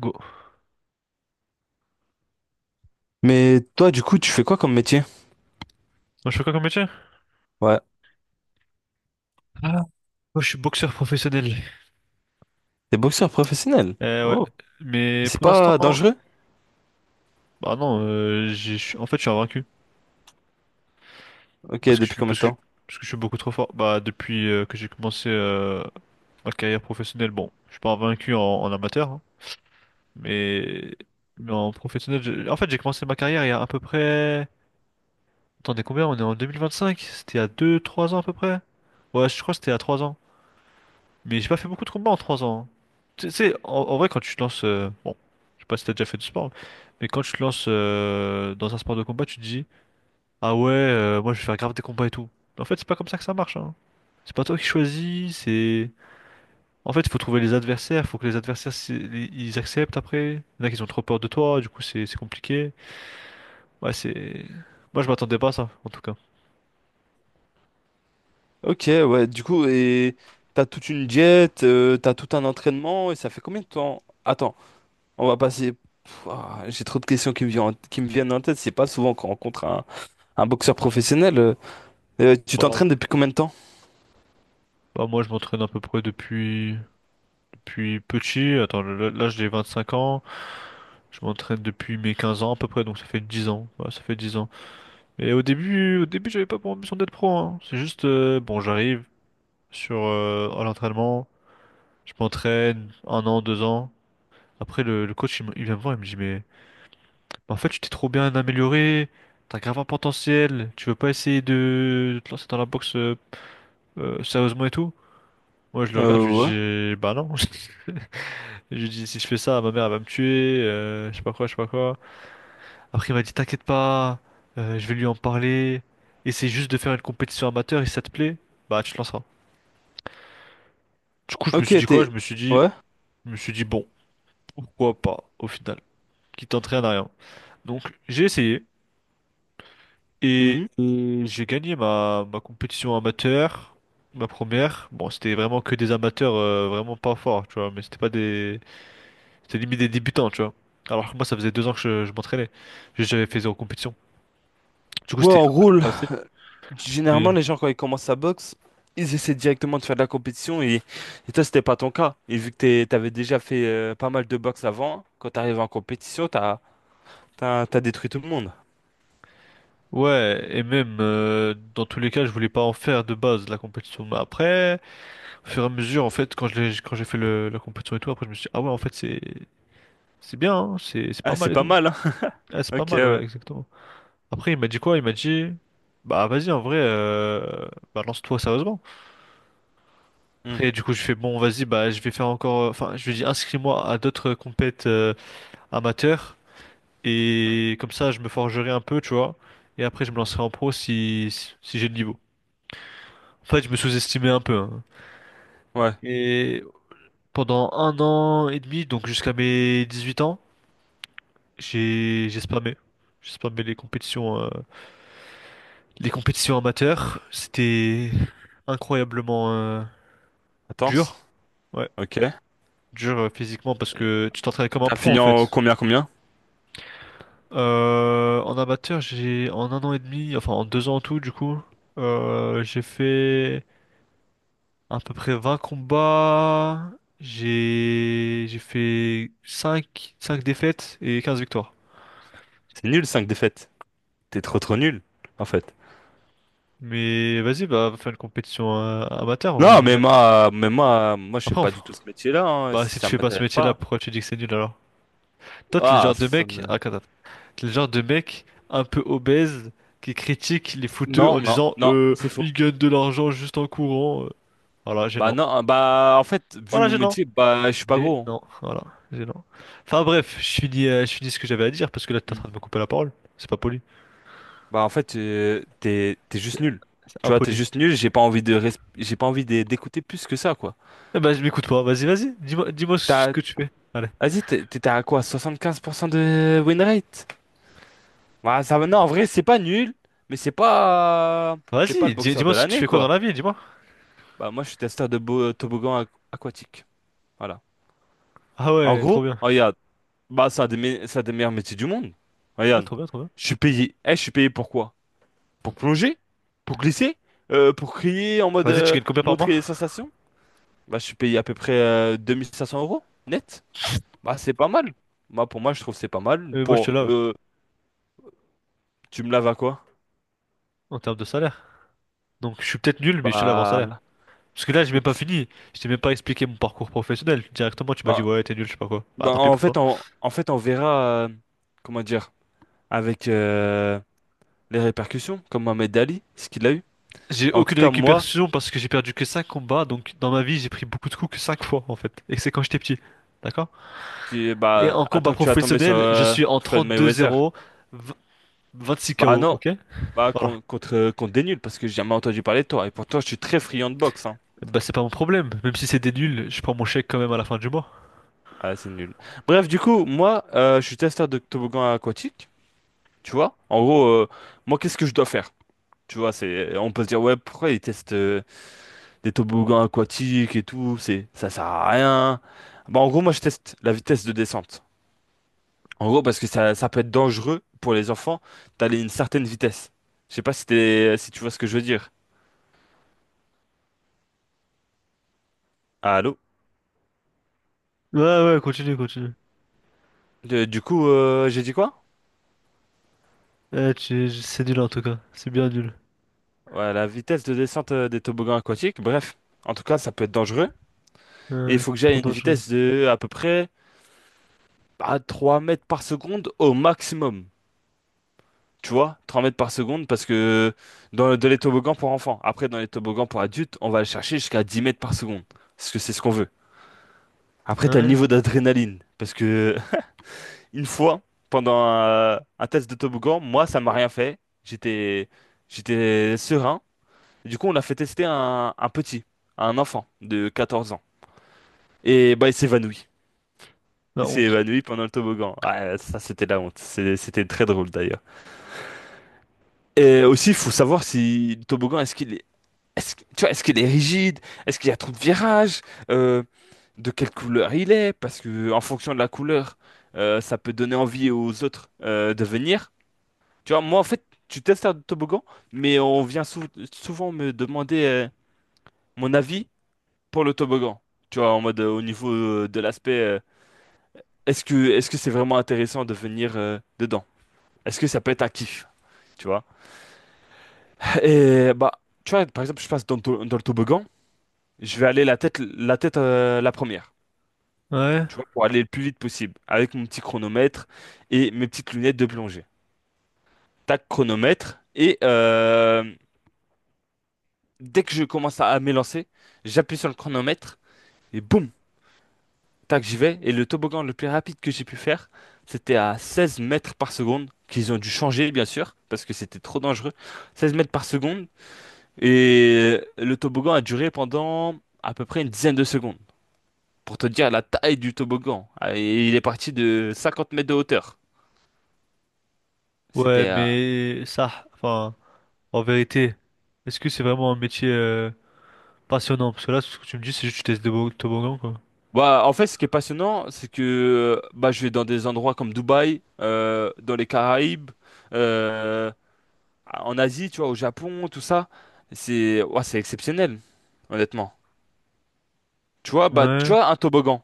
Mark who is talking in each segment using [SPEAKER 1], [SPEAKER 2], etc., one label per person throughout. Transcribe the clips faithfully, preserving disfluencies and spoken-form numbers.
[SPEAKER 1] Go.
[SPEAKER 2] Mais toi, du coup, tu fais quoi comme métier?
[SPEAKER 1] Moi, je fais quoi comme métier?
[SPEAKER 2] Ouais.
[SPEAKER 1] Ah. Moi, je suis boxeur professionnel.
[SPEAKER 2] T'es boxeur professionnel.
[SPEAKER 1] Euh, ouais.
[SPEAKER 2] Oh. Et
[SPEAKER 1] Mais
[SPEAKER 2] c'est
[SPEAKER 1] pour l'instant,
[SPEAKER 2] pas dangereux?
[SPEAKER 1] bah non, euh, j'ai- je suis- en fait, je suis invaincu.
[SPEAKER 2] Ok,
[SPEAKER 1] Parce que je
[SPEAKER 2] depuis
[SPEAKER 1] suis,
[SPEAKER 2] combien de
[SPEAKER 1] parce que je,
[SPEAKER 2] temps?
[SPEAKER 1] parce que je suis beaucoup trop fort. Bah, depuis euh, que j'ai commencé euh, ma carrière professionnelle, bon, je suis pas invaincu en, en amateur, hein, mais, mais en professionnel, je- en fait, j'ai commencé ma carrière il y a à peu près. Attendez, combien? On est en deux mille vingt-cinq? C'était il y a deux trois ans à peu près? Ouais, je crois que c'était à trois ans. Mais j'ai pas fait beaucoup de combats en trois ans, hein. Tu sais, en, en vrai, quand tu te lances. Euh, bon, je sais pas si t'as déjà fait du sport, mais quand tu te lances euh, dans un sport de combat, tu te dis, ah ouais, euh, moi je vais faire grave des combats et tout. Mais en fait, c'est pas comme ça que ça marche, hein. C'est pas toi qui choisis, c'est. En fait, il faut trouver les adversaires, faut que les adversaires c'est- ils acceptent après. Il y en a qui ont trop peur de toi, du coup c'est c'est compliqué. Ouais, c'est. Moi je m'attendais pas à ça, en tout cas.
[SPEAKER 2] Ok, ouais, du coup, et t'as toute une diète, euh, t'as tout un entraînement, et ça fait combien de temps? Attends, on va passer. Pff, ah, j'ai trop de questions qui me viennent, en- qui me viennent en tête. C'est pas souvent qu'on rencontre un, un boxeur professionnel. euh. Euh, tu
[SPEAKER 1] Bon.
[SPEAKER 2] t'entraînes depuis combien de temps?
[SPEAKER 1] Bah, moi je m'entraîne à peu près depuis depuis petit. Attends, là là, j'ai cinq ans. Je m'entraîne depuis mes quinze ans à peu près, donc ça fait dix ans. Ouais, ça fait dix ans. Mais au début, au début, j'avais pas pour ambition d'être pro, hein. C'est juste, euh, bon, j'arrive sur euh, à l'entraînement, je m'entraîne un an, deux ans. Après, le, le coach, il, me- il vient me voir, il me dit, mais, mais en fait, tu t'es trop bien amélioré, t'as grave un potentiel, tu veux pas essayer de, de te lancer dans la boxe euh, euh, sérieusement et tout? Moi, je le regarde,
[SPEAKER 2] Euh,
[SPEAKER 1] je
[SPEAKER 2] ouais.
[SPEAKER 1] lui dis, bah non. Je lui dis, si je fais ça, ma mère, elle va me tuer, euh, je sais pas quoi, je sais pas quoi. Après, il m'a dit, t'inquiète pas, euh, je vais lui en parler. Essaye juste de faire une compétition amateur et si ça te plaît, bah tu te lanceras. Du coup, je me
[SPEAKER 2] Ok,
[SPEAKER 1] suis dit quoi? Je
[SPEAKER 2] t'es.
[SPEAKER 1] me suis dit,
[SPEAKER 2] Ouais.
[SPEAKER 1] je me suis dit, bon, pourquoi pas au final, qui t'entraîne à rien. Donc, j'ai essayé et,
[SPEAKER 2] Mhm.
[SPEAKER 1] et j'ai gagné ma, ma compétition amateur, ma première. Bon, c'était vraiment que des amateurs, euh, vraiment pas forts, tu vois, mais c'était pas des, c'était limite des débutants, tu vois. Alors que moi, ça faisait deux ans que je, je m'entraînais. Juste, j'avais fait zéro compétition. Du coup,
[SPEAKER 2] Ouais,
[SPEAKER 1] c'était
[SPEAKER 2] en
[SPEAKER 1] un peu
[SPEAKER 2] gros,
[SPEAKER 1] trop facile,
[SPEAKER 2] généralement,
[SPEAKER 1] mais.
[SPEAKER 2] les gens, quand ils commencent à boxe, ils essaient directement de faire de la compétition et, et toi, c'était pas ton cas. Et vu que t'es- t'avais déjà fait euh, pas mal de boxe avant, quand t'arrives en compétition, t'as, t'as, t'as détruit tout le monde.
[SPEAKER 1] Ouais, et même euh, dans tous les cas, je voulais pas en faire de base la compétition. Mais après, au fur et à mesure, en fait, quand je l'ai- quand j'ai fait le, la compétition et tout, après je me suis dit, ah ouais, en fait, c'est c'est bien, hein, c'est c'est
[SPEAKER 2] Ah,
[SPEAKER 1] pas
[SPEAKER 2] c'est
[SPEAKER 1] mal et
[SPEAKER 2] pas
[SPEAKER 1] tout.
[SPEAKER 2] mal, hein?
[SPEAKER 1] Ah, c'est pas
[SPEAKER 2] Ok,
[SPEAKER 1] mal,
[SPEAKER 2] ouais.
[SPEAKER 1] ouais, exactement. Après, il m'a dit quoi? Il m'a dit, bah vas-y, en vrai, euh, bah lance-toi sérieusement.
[SPEAKER 2] Hmm.
[SPEAKER 1] Après, du coup, je fais bon, vas-y, bah je vais faire encore, enfin, je lui ai dit, inscris-moi à d'autres compètes euh, amateurs et comme ça, je me forgerai un peu, tu vois. Et après, je me lancerai en pro si si si j'ai le niveau. En fait, je me sous-estimais un peu, hein.
[SPEAKER 2] Ouais.
[SPEAKER 1] Et pendant un an et demi, donc jusqu'à mes dix-huit ans, j'ai j'ai spammé. J'ai spammé les compétitions, euh, les compétitions amateurs. C'était incroyablement euh,
[SPEAKER 2] Attends.
[SPEAKER 1] dur. Ouais,
[SPEAKER 2] Ok. Et
[SPEAKER 1] dur euh, physiquement parce que tu t'entraînes comme un
[SPEAKER 2] t'as
[SPEAKER 1] pro en
[SPEAKER 2] fini en
[SPEAKER 1] fait.
[SPEAKER 2] combien, combien?
[SPEAKER 1] Euh, en amateur, j'ai en un an et demi, enfin en deux ans en tout du coup, euh, j'ai fait à peu près vingt combats. J'ai j'ai fait cinq cinq défaites et quinze victoires.
[SPEAKER 2] C'est nul, cinq défaites. T'es trop, trop nul, en fait.
[SPEAKER 1] Mais vas-y, bah va faire une compétition euh, amateur, on en
[SPEAKER 2] Non, mais
[SPEAKER 1] régale.
[SPEAKER 2] moi, mais moi, moi, je fais
[SPEAKER 1] Après, on...
[SPEAKER 2] pas du tout ce métier-là, hein.
[SPEAKER 1] bah si tu
[SPEAKER 2] Ça
[SPEAKER 1] fais pas ce
[SPEAKER 2] m'intéresse
[SPEAKER 1] métier-là,
[SPEAKER 2] pas.
[SPEAKER 1] pourquoi tu dis que c'est nul alors? Toi, t'es le
[SPEAKER 2] Ah,
[SPEAKER 1] genre de
[SPEAKER 2] ça
[SPEAKER 1] mec,
[SPEAKER 2] me...
[SPEAKER 1] ah, attends, attends. T'es le genre de mec un peu obèse qui critique les fouteux en
[SPEAKER 2] Non, non,
[SPEAKER 1] disant
[SPEAKER 2] non,
[SPEAKER 1] euh,
[SPEAKER 2] c'est faux.
[SPEAKER 1] ils gagnent de l'argent juste en courant. Euh. Voilà,
[SPEAKER 2] Bah
[SPEAKER 1] gênant.
[SPEAKER 2] non, euh, bah en fait, vu
[SPEAKER 1] Voilà,
[SPEAKER 2] mon
[SPEAKER 1] gênant.
[SPEAKER 2] métier, bah je suis pas
[SPEAKER 1] G,
[SPEAKER 2] gros.
[SPEAKER 1] non, voilà, G, non. Enfin bref, je finis, euh, je finis ce que j'avais à dire parce que là t'es
[SPEAKER 2] Hein.
[SPEAKER 1] en
[SPEAKER 2] Mm.
[SPEAKER 1] train de me couper la parole. C'est pas poli,
[SPEAKER 2] Bah en fait, euh, t'es t'es juste nul.
[SPEAKER 1] c'est
[SPEAKER 2] Tu vois, t'es
[SPEAKER 1] impoli.
[SPEAKER 2] juste nul, j'ai pas envie de res- j'ai pas envie d'é- d'écouter plus que ça, quoi.
[SPEAKER 1] Eh ben je m'écoute pas, vas-y, vas-y, dis-moi, dis-moi ce
[SPEAKER 2] T'as
[SPEAKER 1] que tu fais. Allez,
[SPEAKER 2] Vas-y, t'es- t'étais à quoi? soixante-quinze pour cent de win rate? Bah ça va- non, en vrai, c'est pas nul, mais c'est pas t'es pas
[SPEAKER 1] vas-y,
[SPEAKER 2] le
[SPEAKER 1] dis,
[SPEAKER 2] boxeur
[SPEAKER 1] moi
[SPEAKER 2] de
[SPEAKER 1] ce que tu
[SPEAKER 2] l'année,
[SPEAKER 1] fais quoi dans
[SPEAKER 2] quoi.
[SPEAKER 1] la vie, dis-moi.
[SPEAKER 2] Bah moi, je suis testeur de bo- toboggan aqu- aquatique. Voilà.
[SPEAKER 1] Ah
[SPEAKER 2] En
[SPEAKER 1] ouais,
[SPEAKER 2] gros,
[SPEAKER 1] trop bien.
[SPEAKER 2] oh, regarde, bah ça a des, me- ça a des meilleurs métiers du monde.
[SPEAKER 1] Ouais,
[SPEAKER 2] Regarde,
[SPEAKER 1] trop bien, trop bien.
[SPEAKER 2] je suis payé. Eh, je suis payé pourquoi? Pour plonger? Pour glisser? Euh, pour crier en mode
[SPEAKER 1] Vas-y, tu
[SPEAKER 2] euh,
[SPEAKER 1] gagnes combien par mois?
[SPEAKER 2] montrer les sensations? Bah, je suis payé à peu près euh, deux mille cinq cents euros net. Bah, c'est pas mal. Bah, pour moi, je trouve que c'est pas mal.
[SPEAKER 1] Euh, moi je te
[SPEAKER 2] Pour,
[SPEAKER 1] lave
[SPEAKER 2] euh, tu me laves à quoi?
[SPEAKER 1] en termes de salaire. Donc je suis peut-être nul, mais je te lave en salaire.
[SPEAKER 2] Bah,
[SPEAKER 1] Parce que là j'ai même
[SPEAKER 2] écoute,
[SPEAKER 1] pas
[SPEAKER 2] si-
[SPEAKER 1] fini, je t'ai même pas expliqué mon parcours professionnel. Directement tu m'as dit
[SPEAKER 2] bah,
[SPEAKER 1] ouais t'es nul, je sais pas quoi. Bah
[SPEAKER 2] bah,
[SPEAKER 1] tant pis
[SPEAKER 2] en
[SPEAKER 1] pour toi.
[SPEAKER 2] fait, on, en fait, on verra, euh, comment dire, avec euh, les répercussions, comme Mohamed Ali, ce qu'il a eu.
[SPEAKER 1] J'ai
[SPEAKER 2] En tout
[SPEAKER 1] aucune
[SPEAKER 2] cas, moi,
[SPEAKER 1] récupération parce que j'ai perdu que cinq combats, donc dans ma vie j'ai pris beaucoup de coups que cinq fois en fait, et que c'est quand j'étais petit, d'accord?
[SPEAKER 2] tu,
[SPEAKER 1] Et
[SPEAKER 2] bah,
[SPEAKER 1] en combat
[SPEAKER 2] attends que tu vas tomber sur
[SPEAKER 1] professionnel, je
[SPEAKER 2] euh,
[SPEAKER 1] suis en
[SPEAKER 2] Floyd
[SPEAKER 1] trente deux
[SPEAKER 2] Mayweather.
[SPEAKER 1] zéro v- vingt-six
[SPEAKER 2] Bah
[SPEAKER 1] K O,
[SPEAKER 2] non,
[SPEAKER 1] ok?
[SPEAKER 2] bah,
[SPEAKER 1] Voilà.
[SPEAKER 2] contre, contre, contre des nuls, parce que j'ai jamais entendu parler de toi. Et pourtant, je suis très friand de boxe, hein.
[SPEAKER 1] Bah c'est pas mon problème, même si c'est des nuls, je prends mon chèque quand même à la fin du mois.
[SPEAKER 2] Ah, c'est nul. Bref, du coup, moi, euh, je suis testeur de toboggan aquatique, tu vois. En gros, euh, moi, qu'est-ce que je dois faire? Tu vois, c'est, on peut se dire, ouais, pourquoi ils testent euh, des toboggans aquatiques et tout, c'est, ça sert à rien. Bah, en gros, moi, je teste la vitesse de descente. En gros, parce que ça, ça peut être dangereux pour les enfants d'aller à une certaine vitesse. Je sais pas si t'es- si tu vois ce que je veux dire. Allô?
[SPEAKER 1] Ouais ouais, continue, continue.
[SPEAKER 2] Euh, Du coup, euh, j'ai dit quoi?
[SPEAKER 1] Eh, tu- c'est nul en tout cas, c'est bien nul.
[SPEAKER 2] Ouais, la vitesse de descente euh, des toboggans aquatiques, bref, en tout cas, ça peut être dangereux. Et il
[SPEAKER 1] Ouais,
[SPEAKER 2] faut que j'aille
[SPEAKER 1] trop
[SPEAKER 2] à une
[SPEAKER 1] dangereux.
[SPEAKER 2] vitesse de à peu près à trois mètres par seconde au maximum. Tu vois, trois mètres par seconde, parce que dans le- de les toboggans pour enfants. Après, dans les toboggans pour adultes, on va aller chercher jusqu'à dix mètres par seconde. Parce que c'est ce qu'on veut. Après,
[SPEAKER 1] Ah
[SPEAKER 2] t'as le
[SPEAKER 1] ouais,
[SPEAKER 2] niveau d'adrénaline. Parce que une fois, pendant un, un test de toboggan, moi, ça m'a rien fait. J'étais, j'étais serein. Du coup, on a fait tester un, un petit, un enfant de quatorze ans. Et bah, il s'évanouit.
[SPEAKER 1] la
[SPEAKER 2] Il s'est
[SPEAKER 1] honte.
[SPEAKER 2] évanoui pendant le toboggan. Ah, ça, c'était la honte. C'est- C'était très drôle d'ailleurs. Et aussi, il faut savoir si le toboggan, est-ce qu'il est, est-ce, que- tu vois, est-ce qu'il est rigide? Est-ce qu'il y a trop de virages? Euh, de quelle couleur il est? Parce que en fonction de la couleur, euh, ça peut donner envie aux autres euh, de venir. Tu vois, moi, en fait, tu testes un toboggan, mais on vient sou- souvent me demander euh, mon avis pour le toboggan. Tu vois, en mode euh, au niveau euh, de l'aspect euh, est-ce que est-ce que c'est vraiment intéressant de venir euh, dedans? Est-ce que ça peut être un kiff? Tu vois? Et bah, tu vois, par exemple, je passe dans, le to- dans le toboggan, je vais aller la tête la tête euh, la première,
[SPEAKER 1] Ouais,
[SPEAKER 2] tu vois, pour aller le plus vite possible, avec mon petit chronomètre et mes petites lunettes de plongée. Tac, chronomètre, et euh, dès que je commence à, à m'élancer, j'appuie sur le chronomètre, et boum! Tac, j'y vais. Et le toboggan le plus rapide que j'ai pu faire, c'était à seize mètres par seconde, qu'ils ont dû changer, bien sûr, parce que c'était trop dangereux. seize mètres par seconde. Et le toboggan a duré pendant à peu près une dizaine de secondes. Pour te dire la taille du toboggan. Ah, et il est parti de cinquante mètres de hauteur.
[SPEAKER 1] ouais,
[SPEAKER 2] C'était. Euh,
[SPEAKER 1] mais ça, enfin, en vérité, est-ce que c'est vraiment un métier... euh, passionnant, parce que là, ce que tu me dis, c'est juste que tu testes des bo- toboggans, quoi.
[SPEAKER 2] Bah, en fait, ce qui est passionnant, c'est que euh, bah, je vais dans des endroits comme Dubaï, euh, dans les Caraïbes. euh, Ah, en Asie, tu vois, au Japon, tout ça, c'est ouah, c'est exceptionnel, honnêtement. Tu vois, bah, tu
[SPEAKER 1] Ouais,
[SPEAKER 2] vois, un toboggan,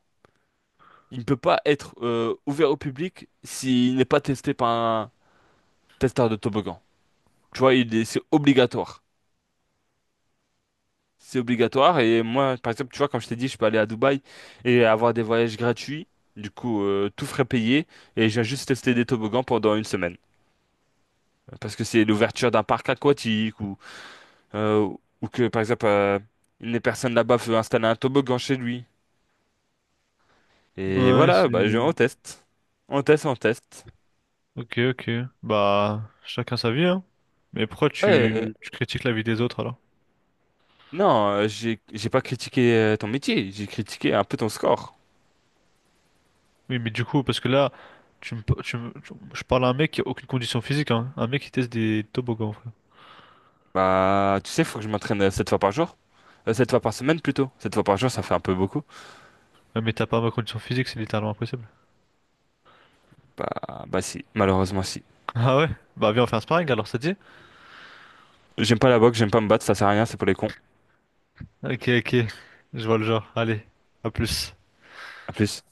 [SPEAKER 2] il ne peut pas être euh, ouvert au public s'il n'est pas testé par un testeur de toboggan. Tu vois, il est- c'est obligatoire. C'est obligatoire. Et moi, par exemple, tu vois, comme je t'ai dit, je peux aller à Dubaï et avoir des voyages gratuits. Du coup, euh, tout frais payé. Et j'ai juste testé des toboggans pendant une semaine. Parce que c'est l'ouverture d'un parc aquatique ou, euh, ou que, par exemple, euh, une personne là-bas veut installer un toboggan chez lui. Et
[SPEAKER 1] ouais,
[SPEAKER 2] voilà,
[SPEAKER 1] c'est...
[SPEAKER 2] bah, je, on teste. On teste, on teste.
[SPEAKER 1] Ok, ok. Bah, chacun sa vie, hein. Mais pourquoi
[SPEAKER 2] Ouais, euh,
[SPEAKER 1] tu, tu critiques la vie des autres, alors?
[SPEAKER 2] non, euh, j'ai, j'ai pas critiqué euh, ton métier, j'ai critiqué un peu ton score.
[SPEAKER 1] Oui, mais du coup, parce que là, tu me, pa- tu me- tu- je parle à un mec qui a aucune condition physique, hein. Un mec qui teste des toboggans, frère.
[SPEAKER 2] Bah, tu sais, faut que je m'entraîne euh, sept fois par jour. Euh, sept fois par semaine plutôt. Sept fois par jour, ça fait un peu beaucoup.
[SPEAKER 1] Ouais, mais t'as pas ma condition physique, c'est littéralement impossible.
[SPEAKER 2] Bah, bah si, malheureusement si.
[SPEAKER 1] Ah ouais? Bah, viens, on fait un sparring, alors, ça te dit?
[SPEAKER 2] J'aime pas la boxe, j'aime pas me battre, ça sert à rien, c'est pour les cons.
[SPEAKER 1] Ok, ok. Je vois le genre. Allez, à plus.
[SPEAKER 2] À plus.